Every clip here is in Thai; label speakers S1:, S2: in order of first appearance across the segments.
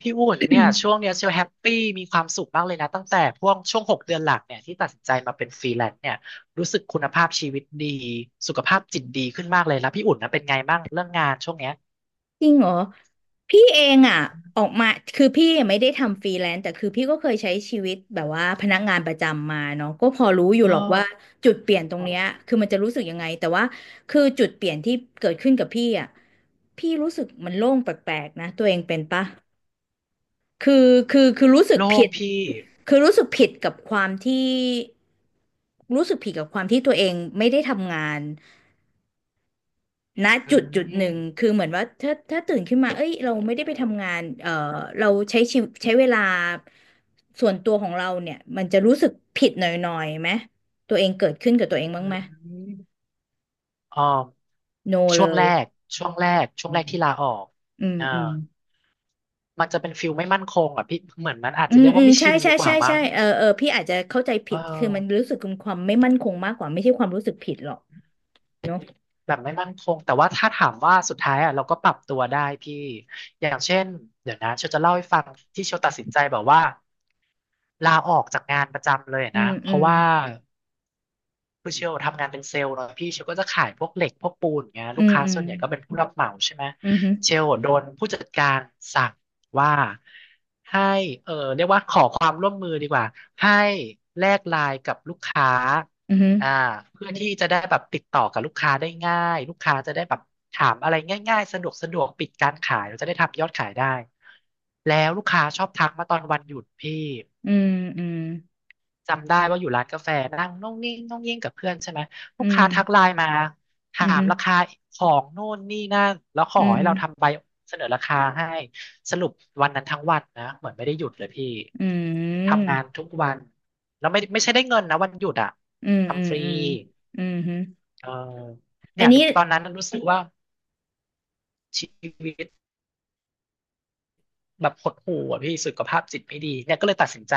S1: พี่อุ่นเนี่ยช่วงเนี้ยเชียวแฮปปี้มีความสุขมากเลยนะตั้งแต่พวกช่วง6 เดือนหลังเนี่ยที่ตัดสินใจมาเป็นฟรีแลนซ์เนี่ยรู้สึกคุณภาพชีวิตดีสุขภาพจิตดีขึ้นมากเลยแล้วพี่อุ่นนะเป็นไงบ้างเรื่องงานช่วงเนี้ย
S2: จริงเหรอพี่เองอ่ะออกมาคือพี่ไม่ได้ทำฟรีแลนซ์แต่คือพี่ก็เคยใช้ชีวิตแบบว่าพนักงานประจำมาเนาะก็พอรู้อยู่
S1: เออ
S2: หรอกว่าจุดเปลี่ยนตรงเนี้ยคือมันจะรู้สึกยังไงแต่ว่าคือจุดเปลี่ยนที่เกิดขึ้นกับพี่อ่ะพี่รู้สึกมันโล่งแปลกๆนะตัวเองเป็นปะคือรู้สึก
S1: โล่
S2: ผิ
S1: ง
S2: ด
S1: พี่
S2: คือรู้สึกผิดกับความที่รู้สึกผิดกับความที่ตัวเองไม่ได้ทำงาน ณ
S1: อื
S2: จุดจุดหนึ่ง
S1: ม
S2: คือเหมือนว่าถ้าตื่นขึ้นมาเอ้ยเราไม่ได้ไปทำงานเราใช้ชีวิใช้เวลาส่วนตัวของเราเนี่ยมันจะรู้สึกผิดหน่อยๆไหมตัวเองเกิดขึ้นกับตัวเอง
S1: อื
S2: บ้างไหม
S1: มอ๋อ
S2: โนเล
S1: ช่วงแร
S2: ย
S1: กช่วง
S2: อื
S1: แรก
S2: ม
S1: ที่ลาออก
S2: อืม
S1: เอ่า
S2: อืม
S1: มันจะเป็นฟิลไม่มั่นคงอ่ะพี่เหมือนมันอาจ
S2: อื
S1: จะ
S2: ม
S1: เรียก
S2: อื
S1: ว่า
S2: ม
S1: ไม่
S2: ใช่
S1: ชิน
S2: ใช่
S1: ดีกว่า
S2: ใช่ใช่
S1: มั้ง
S2: เออเออพี่อาจจะเข้าใจ
S1: เอ
S2: ผิดคือมัน
S1: อ
S2: รู้สึกความไม่มั่นคงมากกว่าไม่ใช่ความรู้สึกผิดหรอกเนาะ
S1: แบบไม่มั่นคงแต่ว่าถ้าถามว่าสุดท้ายอ่ะเราก็ปรับตัวได้พี่อย่างเช่นเดี๋ยวนะเชลจะเล่าให้ฟังที่เชลตัดสินใจแบบว่าลาออกจากงานประจำเลย
S2: อื
S1: นะ
S2: ม
S1: เพ
S2: อื
S1: ราะ
S2: ม
S1: ว่า คือเชลทำงานเป็นเซลล์เนาะพี่เชลก็จะขายพวกเหล็กพวกปูนอย่างเงี้ย
S2: อื
S1: ลูก
S2: ม
S1: ค้า
S2: อืม
S1: ส่วนใหญ่ก็เป็นผู้รับเหมาใช่ไหม
S2: อื
S1: เช
S2: ม
S1: ลโดนผู้จัดการสั่งว่าให้เออเรียกว่าขอความร่วมมือดีกว่าให้แลกไลน์กับลูกค้า
S2: อื
S1: อ่า
S2: ม
S1: เพื่อที่จะได้แบบติดต่อกับลูกค้าได้ง่ายลูกค้าจะได้แบบถามอะไรง่ายๆสะดวกสะดวกปิดการขายเราจะได้ทำยอดขายได้แล้วลูกค้าชอบทักมาตอนวันหยุดพี่
S2: อืมอืม
S1: จำได้ว่าอยู่ร้านกาแฟนั่งน่องนิ่งน่องยิ่งกับเพื่อนใช่ไหมลู
S2: อื
S1: ก
S2: ม
S1: ค้าทักไลน์มา
S2: อื
S1: ถามราคา
S2: ม
S1: ของโน่นนี่นั่นแล้วข
S2: อื
S1: อ
S2: ม
S1: ให้
S2: อืม
S1: เราทำใบเสนอราคาให้สรุปวันนั้นทั้งวันนะเหมือนไม่ได้หยุดเลยพี่
S2: อื
S1: ทำงาน
S2: ม
S1: ทุกวันแล้วไม่ใช่ได้เงินนะวันหยุดอ่ะ
S2: อืมอืม
S1: ทำฟรี
S2: อืมอืมฮึ
S1: เออ
S2: อั
S1: เนี่
S2: น
S1: ย
S2: นี้
S1: ตอนนั้นรู้สึกว่าชีวิตแบบหดหู่อ่ะพี่สุขภาพจิตไม่ดีเนี่ยก็เลยตัดสินใจ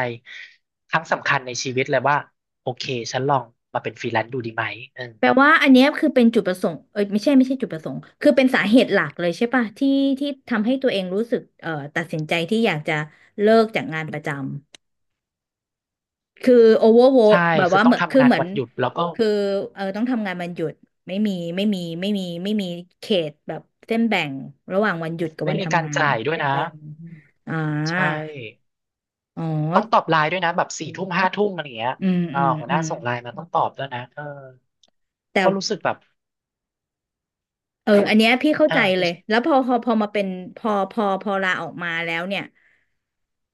S1: ครั้งสำคัญในชีวิตเลยว่าโอเคฉันลองมาเป็นฟรีแลนซ์ดูดีไหมเออ
S2: แปลว่าอันเนี้ยคือเป็นจุดประสงค์เอ้ยไม่ใช่ไม่ใช่จุดประสงค์คือเป็นสาเหตุหลักเลยใช่ป่ะที่ที่ทำให้ตัวเองรู้สึกตัดสินใจที่อยากจะเลิกจากงานประจำคือโอเวอร์โว
S1: ใช่
S2: แบบ
S1: คือ
S2: ว่า
S1: ต้
S2: เห
S1: อ
S2: มื
S1: ง
S2: อนคื
S1: ทำ
S2: อ
S1: งาน
S2: เหมือ
S1: วั
S2: น
S1: นหยุดแล้วก็
S2: คือเออต้องทำงานวันหยุดไม่มีเขตแบบเส้นแบ่งระหว่างวันหยุดกับ
S1: ไม่
S2: วัน
S1: มีกา
S2: ทำ
S1: ร
S2: งาน
S1: จ่ายด้วยนะ
S2: เออ
S1: อืม
S2: อ่
S1: ใช่
S2: าอ๋อ
S1: ต้องตอบไลน์ด้วยนะแบบสี่ทุ่มห้าทุ่มอะไรอย่างเงี้ย
S2: อืม
S1: อ่า
S2: อืม
S1: หัวห
S2: อื
S1: น้า
S2: ม
S1: ส่งไลน์มาต้องตอบด้วยนะเออ
S2: แต่
S1: ก็รู้สึกแบบ
S2: เออ อันเนี้ยพี่เข้า
S1: เออ
S2: ใจเล
S1: รู้
S2: ย
S1: สึก
S2: แล้วพอมาเป็นพอลาออกมาแล้วเนี่ย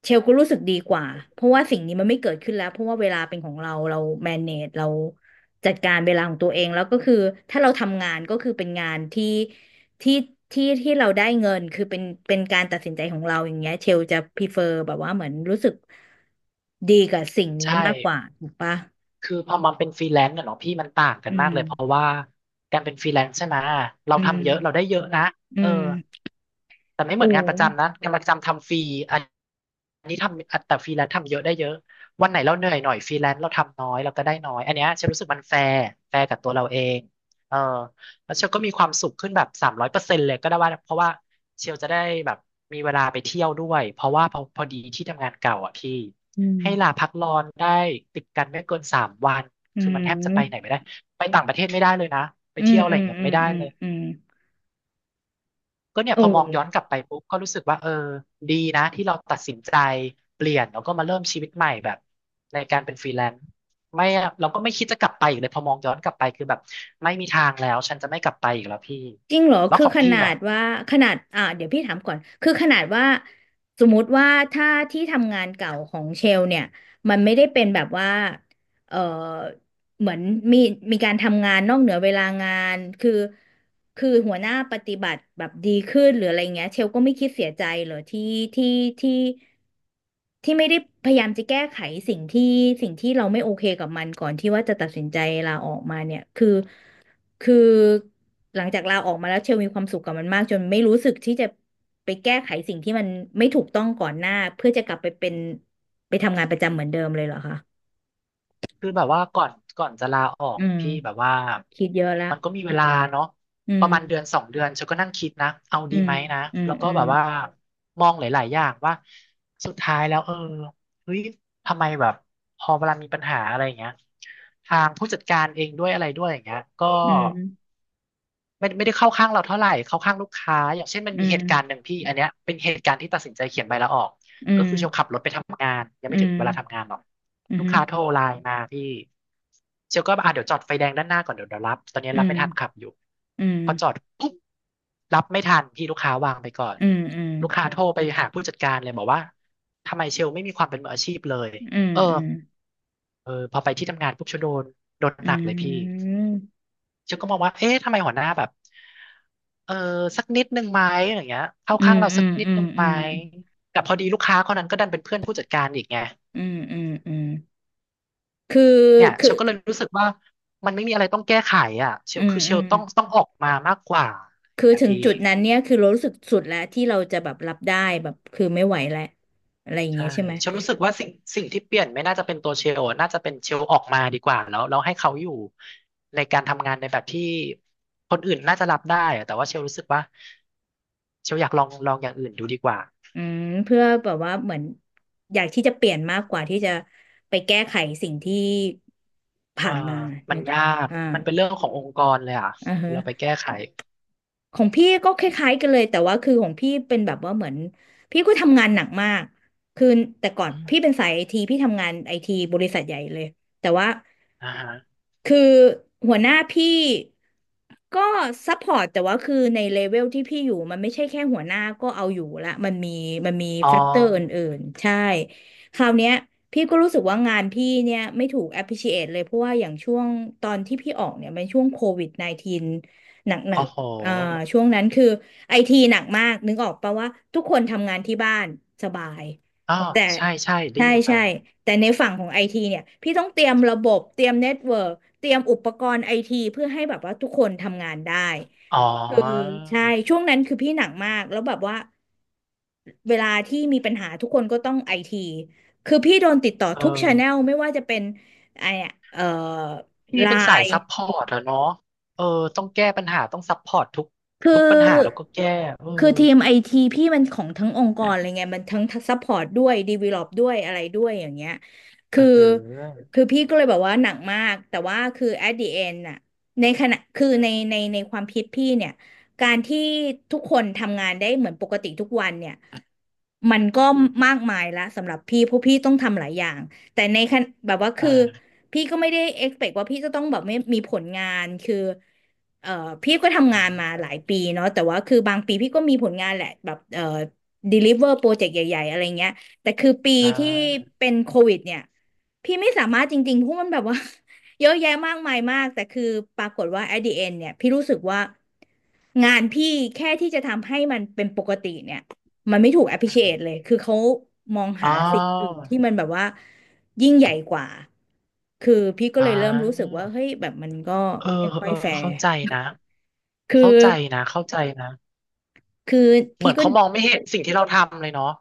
S2: เชลก็รู้สึกดีกว่าเพราะว่าสิ่งนี้มันไม่เกิดขึ้นแล้วเพราะว่าเวลาเป็นของเราแม a g e เราจัดการเวลาของตัวเองแล้วก็คือถ้าเราทำงานก็คือเป็นงานที่ที่ที่เราได้เงินคือเป็นการตัดสินใจของเราอย่างเงี้ยเชลจะ prefer แบบว่าเหมือนรู้สึกดีกับสิ่งนี้
S1: ใช่
S2: มากกว่าถูกปะ
S1: คือพอมันเป็นฟรีแลนซ์อะเนาะพี่มันต่างกั
S2: อื
S1: นมาก
S2: ม
S1: เลยเพราะว่าการเป็นฟรีแลนซ์ใช่ไหม เรา
S2: อืม
S1: ทำเยอะเราได้เยอะนะ
S2: อื
S1: เออ
S2: ม
S1: แต่ไม่เห
S2: โอ้
S1: มือนงานประจำนะงานประจำทำฟรีอันนนี้ทำอันแต่ฟรีแลนซ์ทำเยอะได้เยอะวันไหนเราเหนื่อยหน่อยฟรีแลนซ์เราทำน้อยเราก็ได้น้อยอันเนี้ยฉันรู้สึกมันแฟร์แฟร์กับตัวเราเองเออแล้วเชลก็มีความสุขขึ้นแบบ300%เลยก็ได้ว่าเพราะว่าเชลจะได้แบบมีเวลาไปเที่ยวด้วยเพราะว่าพอพอดีที่ทำงานเก่าอ่ะพี่
S2: อื
S1: ให้ลา
S2: ม
S1: พักร้อนได้ติดกันไม่เกิน3 วัน
S2: อื
S1: คือมันแทบจะไปไหน
S2: ม
S1: ไม่ได้ไปต่างประเทศไม่ได้เลยนะไป
S2: อืม
S1: เที่ยวอะไร
S2: อื
S1: อ
S2: ม
S1: ย่างเงี้ย
S2: อืม
S1: ไม่ได้
S2: อืม
S1: เลย
S2: อืม
S1: ก็เนี่ย
S2: โอ้
S1: พอมองย้อนกลับไปปุ๊บก็รู้สึกว่าเออดีนะที่เราตัดสินใจเปลี่ยนแล้วก็มาเริ่มชีวิตใหม่แบบในการเป็นฟรีแลนซ์ไม่เราก็ไม่คิดจะกลับไปอีกเลยพอมองย้อนกลับไปคือแบบไม่มีทางแล้วฉันจะไม่กลับไปอีกแล้วพี่
S2: จริงเหรอ
S1: แล้ว
S2: คือ
S1: ของ
S2: ข
S1: พี่
S2: นา
S1: อ่ะ
S2: ดว่าขนาดอ่าเดี๋ยวพี่ถามก่อนคือขนาดว่าสมมุติว่าถ้าที่ทำงานเก่าของเชลเนี่ยมันไม่ได้เป็นแบบว่าเออเหมือนมีมีการทำงานนอกเหนือเวลางานคือหัวหน้าปฏิบัติแบบดีขึ้นหรืออะไรเงี้ยเชลก็ไม่คิดเสียใจเหรอที่ที่ที่ไม่ได้พยายามจะแก้ไขสิ่งที่เราไม่โอเคกับมันก่อนที่ว่าจะตัดสินใจลาออกมาเนี่ยคือ คือหลังจากลาออกมาแล้วเชลมีความสุขกับมันมากจนไม่รู้สึกที่จะไปแก้ไขสิ่งที่มันไม่ถูกต้องก่อนหน้าเพื่อจะกลับไปเป็นไปทำงานประจำเหมือนเดิมเลยเหรอคะ
S1: คือแบบว่าก่อนจะลาออ
S2: อื
S1: ก
S2: ม
S1: พี่แบบว่า
S2: คิดเยอะละ
S1: มันก็มีเวลาเนาะ
S2: อื
S1: ประมาณเดือน
S2: ม
S1: สองเดือนฉันก็นั่งคิดนะเอา
S2: อื
S1: ดี
S2: ม
S1: ไหมนะ
S2: อืม
S1: แล้วก็
S2: อืม
S1: แบบว่ามองหลายๆอย่างว่าสุดท้ายแล้วเออเฮ้ยทำไมแบบพอเวลามีปัญหาอะไรอย่างเงี้ยทางผู้จัดการเองด้วยอะไรด้วยอย่างเงี้ยก็
S2: อืม
S1: ไม่ได้เข้าข้างเราเท่าไหร่เข้าข้างลูกค้าอย่างเช่นมัน
S2: อื
S1: มี
S2: ม
S1: เหตุการณ์หนึ่งพี่อันเนี้ยเป็นเหตุการณ์ที่ตัดสินใจเขียนใบลาออก
S2: อื
S1: ก็
S2: ม
S1: คือเชลขับรถไปทำงานยัง
S2: อื
S1: ไม่ถึ
S2: ม
S1: งเวลาทำงานหรอกลูกค้าโทรไลน์มาพี่เชลก็อ่ะเดี๋ยวจอดไฟแดงด้านหน้าก่อนเดี๋ยวรับตอนนี้
S2: อื
S1: รับ
S2: ม
S1: ไม่ทันขับอยู่
S2: อืม
S1: พอจอดปุ๊บรับไม่ทันพี่ลูกค้าวางไปก่อน
S2: อืมอืม
S1: ลูกค้าโทรไปหาผู้จัดการเลยบอกว่าทำไมเชลไม่มีความเป็นมืออาชีพเลย
S2: อืม
S1: เออ
S2: อืม
S1: เออพอไปที่ทำงานปุ๊บเชลโดนโดน
S2: อื
S1: หนักเลยพี่
S2: ม
S1: ฉันก็มองว่าเอ๊ะทำไมหัวหน้าแบบเออสักนิดนึงไหมอะไรอย่างเงี้ยเข้า
S2: อื
S1: ข้าง
S2: ม
S1: เรา
S2: อื
S1: สัก
S2: ม
S1: นิด
S2: อื
S1: นึงไหม
S2: ม
S1: แต่พอดีลูกค้าคนนั้นก็ดันเป็นเพื่อนผู้จัดการอีกไง
S2: อืมอืมอืมอืมอืมคือ
S1: เนี่ย
S2: คื
S1: เช
S2: อ
S1: ลก็เลยรู้สึกว่า มันไม่มีอะไรต้องแก้ไขอ่ะเช
S2: อื
S1: ล
S2: ม
S1: คือเช
S2: อื
S1: ล
S2: ม
S1: ต้องออกมามากกว่า
S2: คือ
S1: เนี่ย
S2: ถึง
S1: พี่
S2: จุดนั้นเนี่ยคือเรารู้สึกสุดแล้วที่เราจะแบบรับได้แบบคือไม่ไหวแล้วอะไรอย่าง
S1: ใช่
S2: เงี้ยใช่ไหม
S1: เชลรู้สึกว่าสิ่งที่เปลี่ยนไม่น่าจะเป็นตัวเชลอะน่าจะเป็นเชลออกมาดีกว่าแล้วให้เขาอยู่ในการทำงานในแบบที่คนอื่นน่าจะรับได้อะแต่ว่าเชลรู้สึกว่าเชลอยากลองอย่างอื่นดูดีกว่า
S2: อืมเพื่อแบบว่าเหมือนอยากที่จะเปลี่ยนมากกว่าที่จะไปแก้ไขสิ่งที่
S1: อ่า
S2: ผ่านมา
S1: มั
S2: นึ
S1: น
S2: กออ
S1: ยา
S2: ก
S1: ก
S2: อ่า
S1: มันเป็นเรื่องขององค์กรเลยอ่ะ
S2: อ่าฮะ
S1: เราไปแก้ไข
S2: ของพี่ก็คล้ายๆกันเลยแต่ว่าคือของพี่เป็นแบบว่าเหมือนพี่ก็ทำงานหนักมากคือแต่ก่อน
S1: อื
S2: พี่
S1: ม
S2: เป็นสายไอทีพี่ทำงานไอทีบริษัทใหญ่เลยแต่ว่า
S1: อ่าฮะ
S2: คือหัวหน้าพี่ก็ซัพพอร์ตแต่ว่าคือในเลเวลที่พี่อยู่มันไม่ใช่แค่หัวหน้าก็เอาอยู่ละมันมีมันมี
S1: อ๋อ
S2: แฟกเตอร์อื่นๆใช่คราวเนี้ยพี่ก็รู้สึกว่างานพี่เนี่ยไม่ถูก appreciate เลยเพราะว่าอย่างช่วงตอนที่พี่ออกเนี่ยเป็นช่วงCOVID-19หนั
S1: โอ้
S2: ก
S1: โห
S2: ๆ เอ่อช่วงนั้นคือไอทีหนักมากนึกออกปะว่าทุกคนทำงานที่บ้านสบาย
S1: อ๋อ
S2: แต่
S1: ใช่ใช่ได้
S2: ใช่
S1: ยินมา
S2: ใช่แต่ในฝั่งของไอทีเนี่ยพี่ต้องเตรียมระบบเตรียมเน็ตเวิร์กเตรียมอุปกรณ์ไอทีเพื่อให้แบบว่าทุกคนทำงานได้
S1: อ๋อ
S2: ใช่ช่วงนั้นคือพี่หนักมากแล้วแบบว่าเวลาที่มีปัญหาทุกคนก็ต้องไอทีคือพี่โดนติดต่อ
S1: เอ
S2: ทุกชาแนล
S1: อ
S2: ไม่ว่าจะเป็นไอเอ่อ
S1: พี่
S2: ไล
S1: เป็นสาย
S2: น์
S1: ซัพพอร์ตอะเนาะเออต้องแก้ปัญหาต้องซัพพอร์ตทุก
S2: คื
S1: ทุกปัญหาแล้ว
S2: อ
S1: ก็แก้เออ
S2: คือทีมไอทีพี่มันของทั้งองค์กรอะไรไงมันทั้งซัพพอร์ตด้วยดีเวล็อปด้วยอะไรด้วยอย่างเงี้ย
S1: เอ
S2: คื
S1: อ
S2: อ
S1: หือ
S2: คือพี่ก็เลยแบบว่าหนักมากแต่ว่าคือ at the end น่ะในขณะคือในความคิดพี่เนี่ยการที่ทุกคนทำงานได้เหมือนปกติทุกวันเนี่ยมันก็มากมายละสำหรับพี่เพราะพี่ต้องทำหลายอย่างแต่ในขณะแบบว่าคือ
S1: อ่า
S2: พี่ก็ไม่ได้ expect ว่าพี่จะต้องแบบไม่มีผลงานคือ เอ่อพี่ก็ทำงานมาหลายปีเนาะแต่ว่าคือบางปีพี่ก็มีผลงานแหละแบบdeliver โปรเจกต์ใหญ่ๆอะไรเงี้ยแต่คือปี
S1: อ่
S2: ที่
S1: า
S2: เป็นโควิดเนี่ยพี่ไม่สามารถจริงๆเพราะมันแบบว่า เยอะแยะมากมายมากแต่คือปรากฏว่า at the end เนี่ยพี่รู้สึกว่างานพี่แค่ที่จะทำให้มันเป็นปกติเนี่ยมันไม่ถูก
S1: อ
S2: appreciate เลย
S1: ม
S2: คือเขามอง
S1: อ๋อ
S2: หาสิ่งอื่นที่มันแบบว่ายิ่งใหญ่กว่าคือพี่ก็
S1: อ๋อ
S2: เลยเริ่มรู้สึกว่าเฮ้ยแบบมันก็
S1: เออ
S2: ไม่ค่อ
S1: เอ
S2: ย
S1: อ
S2: แฟร์
S1: เข้าใจนะ
S2: คือ
S1: เข้าใจนะเข้าใจนะ
S2: คือ
S1: เหมื
S2: พี่
S1: อน
S2: ก็
S1: เขามองไม่เห็นสิ่งที่เราทำเลยเนาะ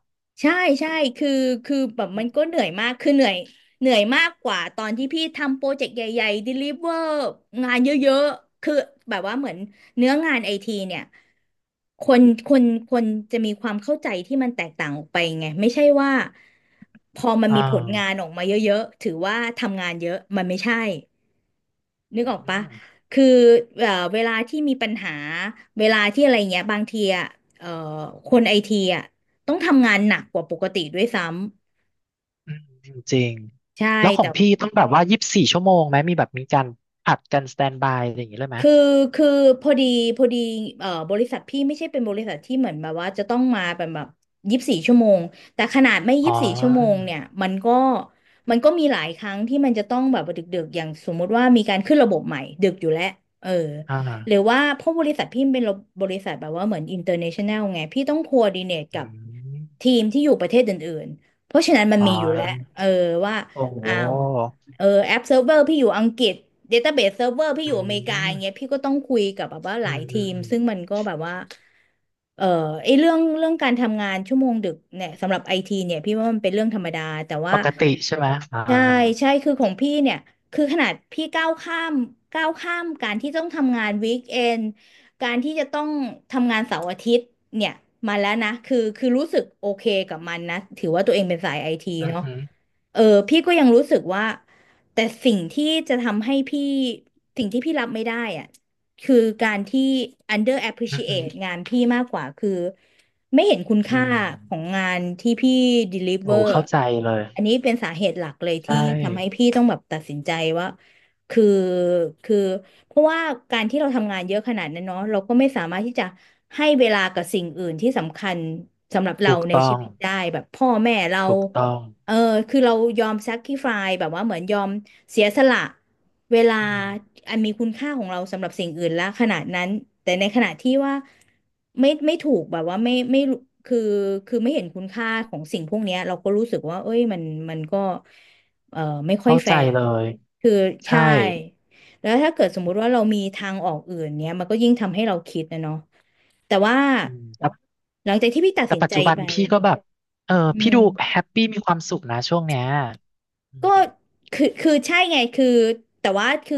S2: ใช่ใช่คือคือแบบมันก็เหนื่อยมากคือเหนื่อยเหนื่อยมากกว่าตอนที่พี่ทำโปรเจกต์ใหญ่ๆ deliver งานเยอะๆคือแบบว่าเหมือนเนื้องานไอทีเนี่ยคนคนคนจะมีความเข้าใจที่มันแตกต่างออกไปไงไม่ใช่ว่าพอมัน
S1: อ่
S2: มีผลงาน
S1: า
S2: ออกมาเยอะๆถือว่าทำงานเยอะมันไม่ใช่นึก
S1: อื
S2: ออกปะ
S1: ม
S2: คือเวลาที่มีปัญหาเวลาที่อะไรเงี้ยบางทีอ่ะเอ่อคนไอทีอ่ะ ต้องทำงานหนักกว่าปกติด้วยซ้ำ
S1: อืมจริง
S2: ใช่
S1: ๆแล้วขอ
S2: แต่
S1: งพี่ต้องแบบว่า24 ชั่วโมงไหม มีแบบมีการผัดกันสแตนบายอะไรอย่างงี้เลยไหม
S2: คือคือพอดีพอดีบริษัทพี่ไม่ใช่เป็นบริษัทที่เหมือนแบบว่าจะต้องมาเป็นแบบยี่สิบสี่ชั่วโมงแต่ขนาดไม่ยี่
S1: อ๋
S2: สิบสี่ชั่วโมง
S1: อ
S2: เนี่ยมันก็มีหลายครั้งที่มันจะต้องแบบว่าดึกๆอย่างสมมุติว่ามีการขึ้นระบบใหม่ดึกอยู่แล้วเออ
S1: อ่
S2: หรือ
S1: า
S2: ว่าเพราะบริษัทพี่เป็นบริษัทแบบว่าเหมือน international ไงพี่ต้อง coordinate
S1: อื
S2: กับ
S1: ม
S2: ทีมที่อยู่ประเทศอื่นๆเพราะฉะนั้นมัน
S1: อ๋
S2: มีอยู่แล้ว
S1: อ
S2: เออว่า
S1: โอ้โห
S2: อ้าว เออแอปเซิร์ฟเวอร์พี่อยู่อังกฤษเดต้าเบสเซิร์ฟเวอร์พี่อ
S1: อื
S2: ยู่อเมริกาอย่างเงี้ย
S1: ม
S2: พี่ก็ต้องคุยกับแบบว่าห
S1: อื
S2: ลาย
S1: มอื
S2: ที
S1: ม
S2: ม
S1: อืม
S2: ซึ่งมันก็แบบว่าเออไอเรื่องการทำงานชั่วโมงดึกเนี่ยสำหรับไอทีเนี่ยพี่ว่ามันเป็นเรื่องธรรมดาแต่
S1: ป
S2: ว่า
S1: กติใช่ไหมอ่า
S2: ใช่ใช่คือของพี่เนี่ยคือขนาดพี่ก้าวข้ามการที่ต้องทำงานวีคเอนการที่จะต้องทำงานเสาร์อาทิตย์เนี่ยมาแล้วนะคือรู้สึกโอเคกับมันนะถือว่าตัวเองเป็นสายไอที
S1: อืม
S2: เนาะ
S1: อืม
S2: เออพี่ก็ยังรู้สึกว่า แต่สิ่งที่จะทำให้พี่สิ่งที่พี่รับไม่ได้อะคือการที่ under
S1: อื
S2: appreciate
S1: ม
S2: งานพี่มากกว่าคือไม่เห็นคุณ
S1: อื
S2: ค่า
S1: ม
S2: ของงานที่พี่
S1: โอ้
S2: deliver
S1: เข้าใจเลย
S2: อันนี้เป็นสาเหตุหลักเลย
S1: ใช่
S2: ที่ทำให้พี่ต้องแบบตัดสินใจว่าคือคือเพราะว่าการที่เราทำงานเยอะขนาดนั้นเนาะเราก็ไม่สามารถที่จะให้เวลากับสิ่งอื่นที่สำคัญสำหรับเรา
S1: ถูก
S2: ใน
S1: ต้อ
S2: ชี
S1: ง
S2: วิตได้แบบพ่อแม่เรา
S1: ถูกต้อง
S2: เออคือเรายอม sacrifice แบบว่าเหมือนยอมเสียสละเวลา
S1: อืม
S2: อันมีคุณค่าของเราสำหรับสิ่งอื่นละขนาดนั้นแต่ในขณะที่ว่าไม่ถูกแบบว่าไม่รู้คือคือไม่เห็นคุณค่าของสิ่งพวกเนี้ยเราก็รู้สึกว่าเอ้ยมันมันก็เออไม่ค่อย
S1: เข้า
S2: แฟ
S1: ใจ
S2: ร์
S1: เลย
S2: คือ
S1: ใช่
S2: ใช่แล้วถ้าเกิดสมมุติว่าเรามีทางออกอื่นเนี้ยมันก็ยิ่งทำให้เราคิดนะเนาะแต่ว่า
S1: อืม
S2: หลังจากที่พี่ตัด
S1: แต่
S2: สิน
S1: ปัจ
S2: ใจ
S1: จุบัน
S2: ไป
S1: พี่ก็แบบเออ
S2: อื
S1: พี่
S2: ม
S1: ดูแฮปปี้มีความสุขนะช่วงเนี้ย
S2: ก็คือใช่ไงคือแต่ว่าคือ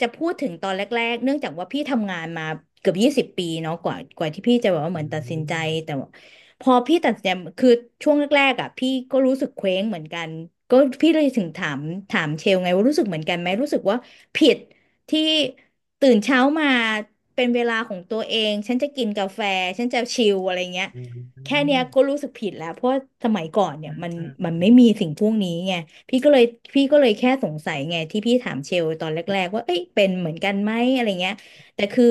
S2: จะพูดถึงตอนแรกๆเนื่องจากว่าพี่ทำงานมาเกือบ20 ปีเนาะกว่าที่พี่จะแบบว่าเห
S1: อื
S2: มือนตัดสินใจ
S1: ม
S2: แต่ว่าพอพี่ตัดสินใจคือช่วงแรกๆอ่ะพี่ก็รู้สึกเคว้งเหมือนกันก็พี่เลยถึงถามเชลไงว่ารู้สึกเหมือนกันไหมรู้สึกว่าผิดที่ตื่นเช้ามาเป็นเวลาของตัวเองฉันจะกินกาแฟฉันจะชิลอะไรเงี้ย
S1: อืมอื
S2: แค่เนี้ย
S1: ม
S2: ก็รู้สึกผิดแล้วเพราะว่าสมัยก่อนเนี่
S1: อื
S2: ย
S1: ม
S2: มัน
S1: อืมอืม
S2: มั
S1: อื
S2: น
S1: ม
S2: ไม่มีสิ่งพวกนี้ไง พี่ก็เลยพี่ก็เลยแค่สงสัยไงที่พี่ถามเชลตอนแรกๆว่าเอ้ยเป็นเหมือนกันไหมอะไรเงี้ยแต่คือ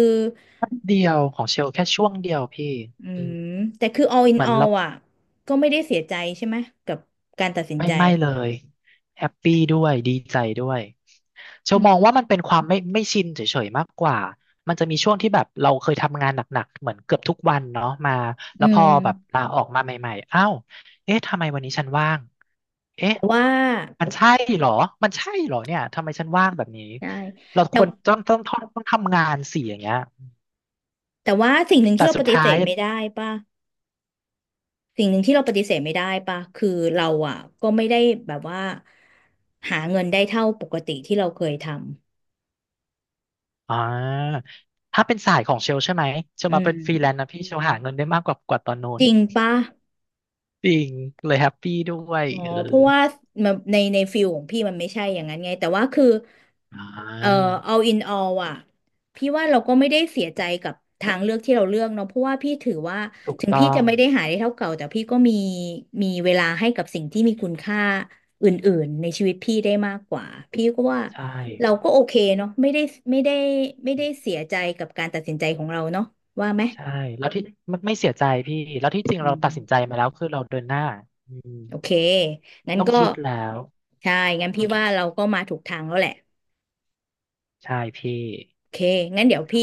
S1: แป๊บเดียวของเชลแค่ช่วงเดียวพี่
S2: อื
S1: อืม
S2: มแต่คือ all in
S1: เหมือนเรา
S2: all อ่ะก็ไม่ได้เสียใจใช่ไหมกับการตัดสิน
S1: ไม่
S2: ใจ
S1: ไม่เลยแฮปปี้ด้วยดีใจด้วยเช
S2: อื
S1: ลมอง
S2: ม
S1: ว่ามันเป็นความไม่ชินเฉยๆมากกว่ามันจะมีช่วงที่แบบเราเคยทำงานหนักๆเหมือนเกือบทุกวันเนาะมา
S2: อื
S1: แล้วพอ
S2: ม
S1: แบบลาออกมาใหม่ๆอ้าวเอ๊ะทำไมวันนี้ฉันว่าง เอ๊ะ
S2: แต่ว่า
S1: มันใช่เหรอมันใช่เหรอเนี่ยทำไมฉันว่างแบบนี้
S2: ใช่
S1: เราค
S2: แต่
S1: วรต้องทำงานสิอย่างเงี้ย
S2: แต่ว่าสิ่งหนึ่งที่
S1: แต่
S2: เรา
S1: สุ
S2: ป
S1: ด
S2: ฏิเส
S1: ท้าย
S2: ธไม่ได้ป่ะสิ่งหนึ่งที่เราปฏิเสธไม่ได้ป่ะคือเราอ่ะก็ไม่ได้แบบว่าหาเงินได้เท่าปกติที่เราเคยท
S1: อ่าถ้าเป็นสายของเชลใช่ไหมเช
S2: ำ
S1: ล
S2: อื
S1: มาเป็
S2: ม
S1: นฟรีแลนซ์นะพี่เชลหาเงินได้มากกว่าตอนโน้
S2: จ
S1: น
S2: ริงป่ะ
S1: จริงเลยแฮปปี้ด้วย
S2: อ๋อ
S1: เออ
S2: เพราะว่ามันในในฟิลของพี่มันไม่ใช่อย่างนั้นไงแต่ว่าคือ
S1: อ่
S2: เอ่อ
S1: า
S2: all in all อ่ะพี่ว่าเราก็ไม่ได้เสียใจกับทางเลือกที่เราเลือกเนาะเพราะว่าพี่ถือว่า
S1: ถูก
S2: ถึง
S1: ต้อ
S2: พี่จะ
S1: ง
S2: ไม่ได้หาได้เท่าเก่าแต่พี่ก็มีมีเวลาให้กับสิ่งที่มีคุณค่าอื่นๆในชีวิตพี่ได้มากกว่าพี่ก็ว่า
S1: ใช่
S2: เราก็โอเคเนาะไม่ได้ไม่ได้ไม่ได้เสียใจกับการตัดสินใจของเราเนาะว่าไหม
S1: ใช่แล้วที่ไม่เสียใจพี่ แล้วที่จริงเรา
S2: อื
S1: ตัดสินใจ
S2: ม
S1: มาแล้วคือเราเดินหน้าอืม
S2: โอเค งั้น
S1: ต้อง
S2: ก็
S1: คิดแล้ว
S2: ใช่ งั้น
S1: อื
S2: พี่ว่า
S1: ม
S2: เราก็มาถูกทางแล้วแหละ
S1: ใช่พี่
S2: โอเค งั้นเดี๋ยวพี่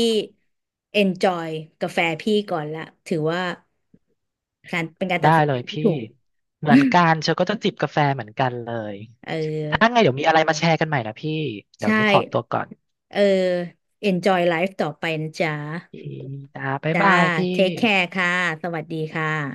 S2: enjoy กาแฟพี่ก่อนละถือว่าการเป็นการตั
S1: ได้
S2: ดสิน
S1: เล
S2: ใจ
S1: ย
S2: ที่
S1: พี่
S2: ถูก
S1: เหมือน กันเชลก็จะจิบกาแฟเหมือนกันเลย
S2: เ
S1: ถ้า
S2: ออ
S1: ไงเดี๋ยวมีอะไรมาแชร์กันใหม่นะพี่เดี๋ย
S2: ใช่
S1: วนี้ขอตัวก่อน
S2: เออ enjoy life ต่อไปนะจ๊ะ
S1: พี่จ้าบ๊าย
S2: จ้า
S1: บายพี่
S2: take care ค่ะ สวัสดีค่ะ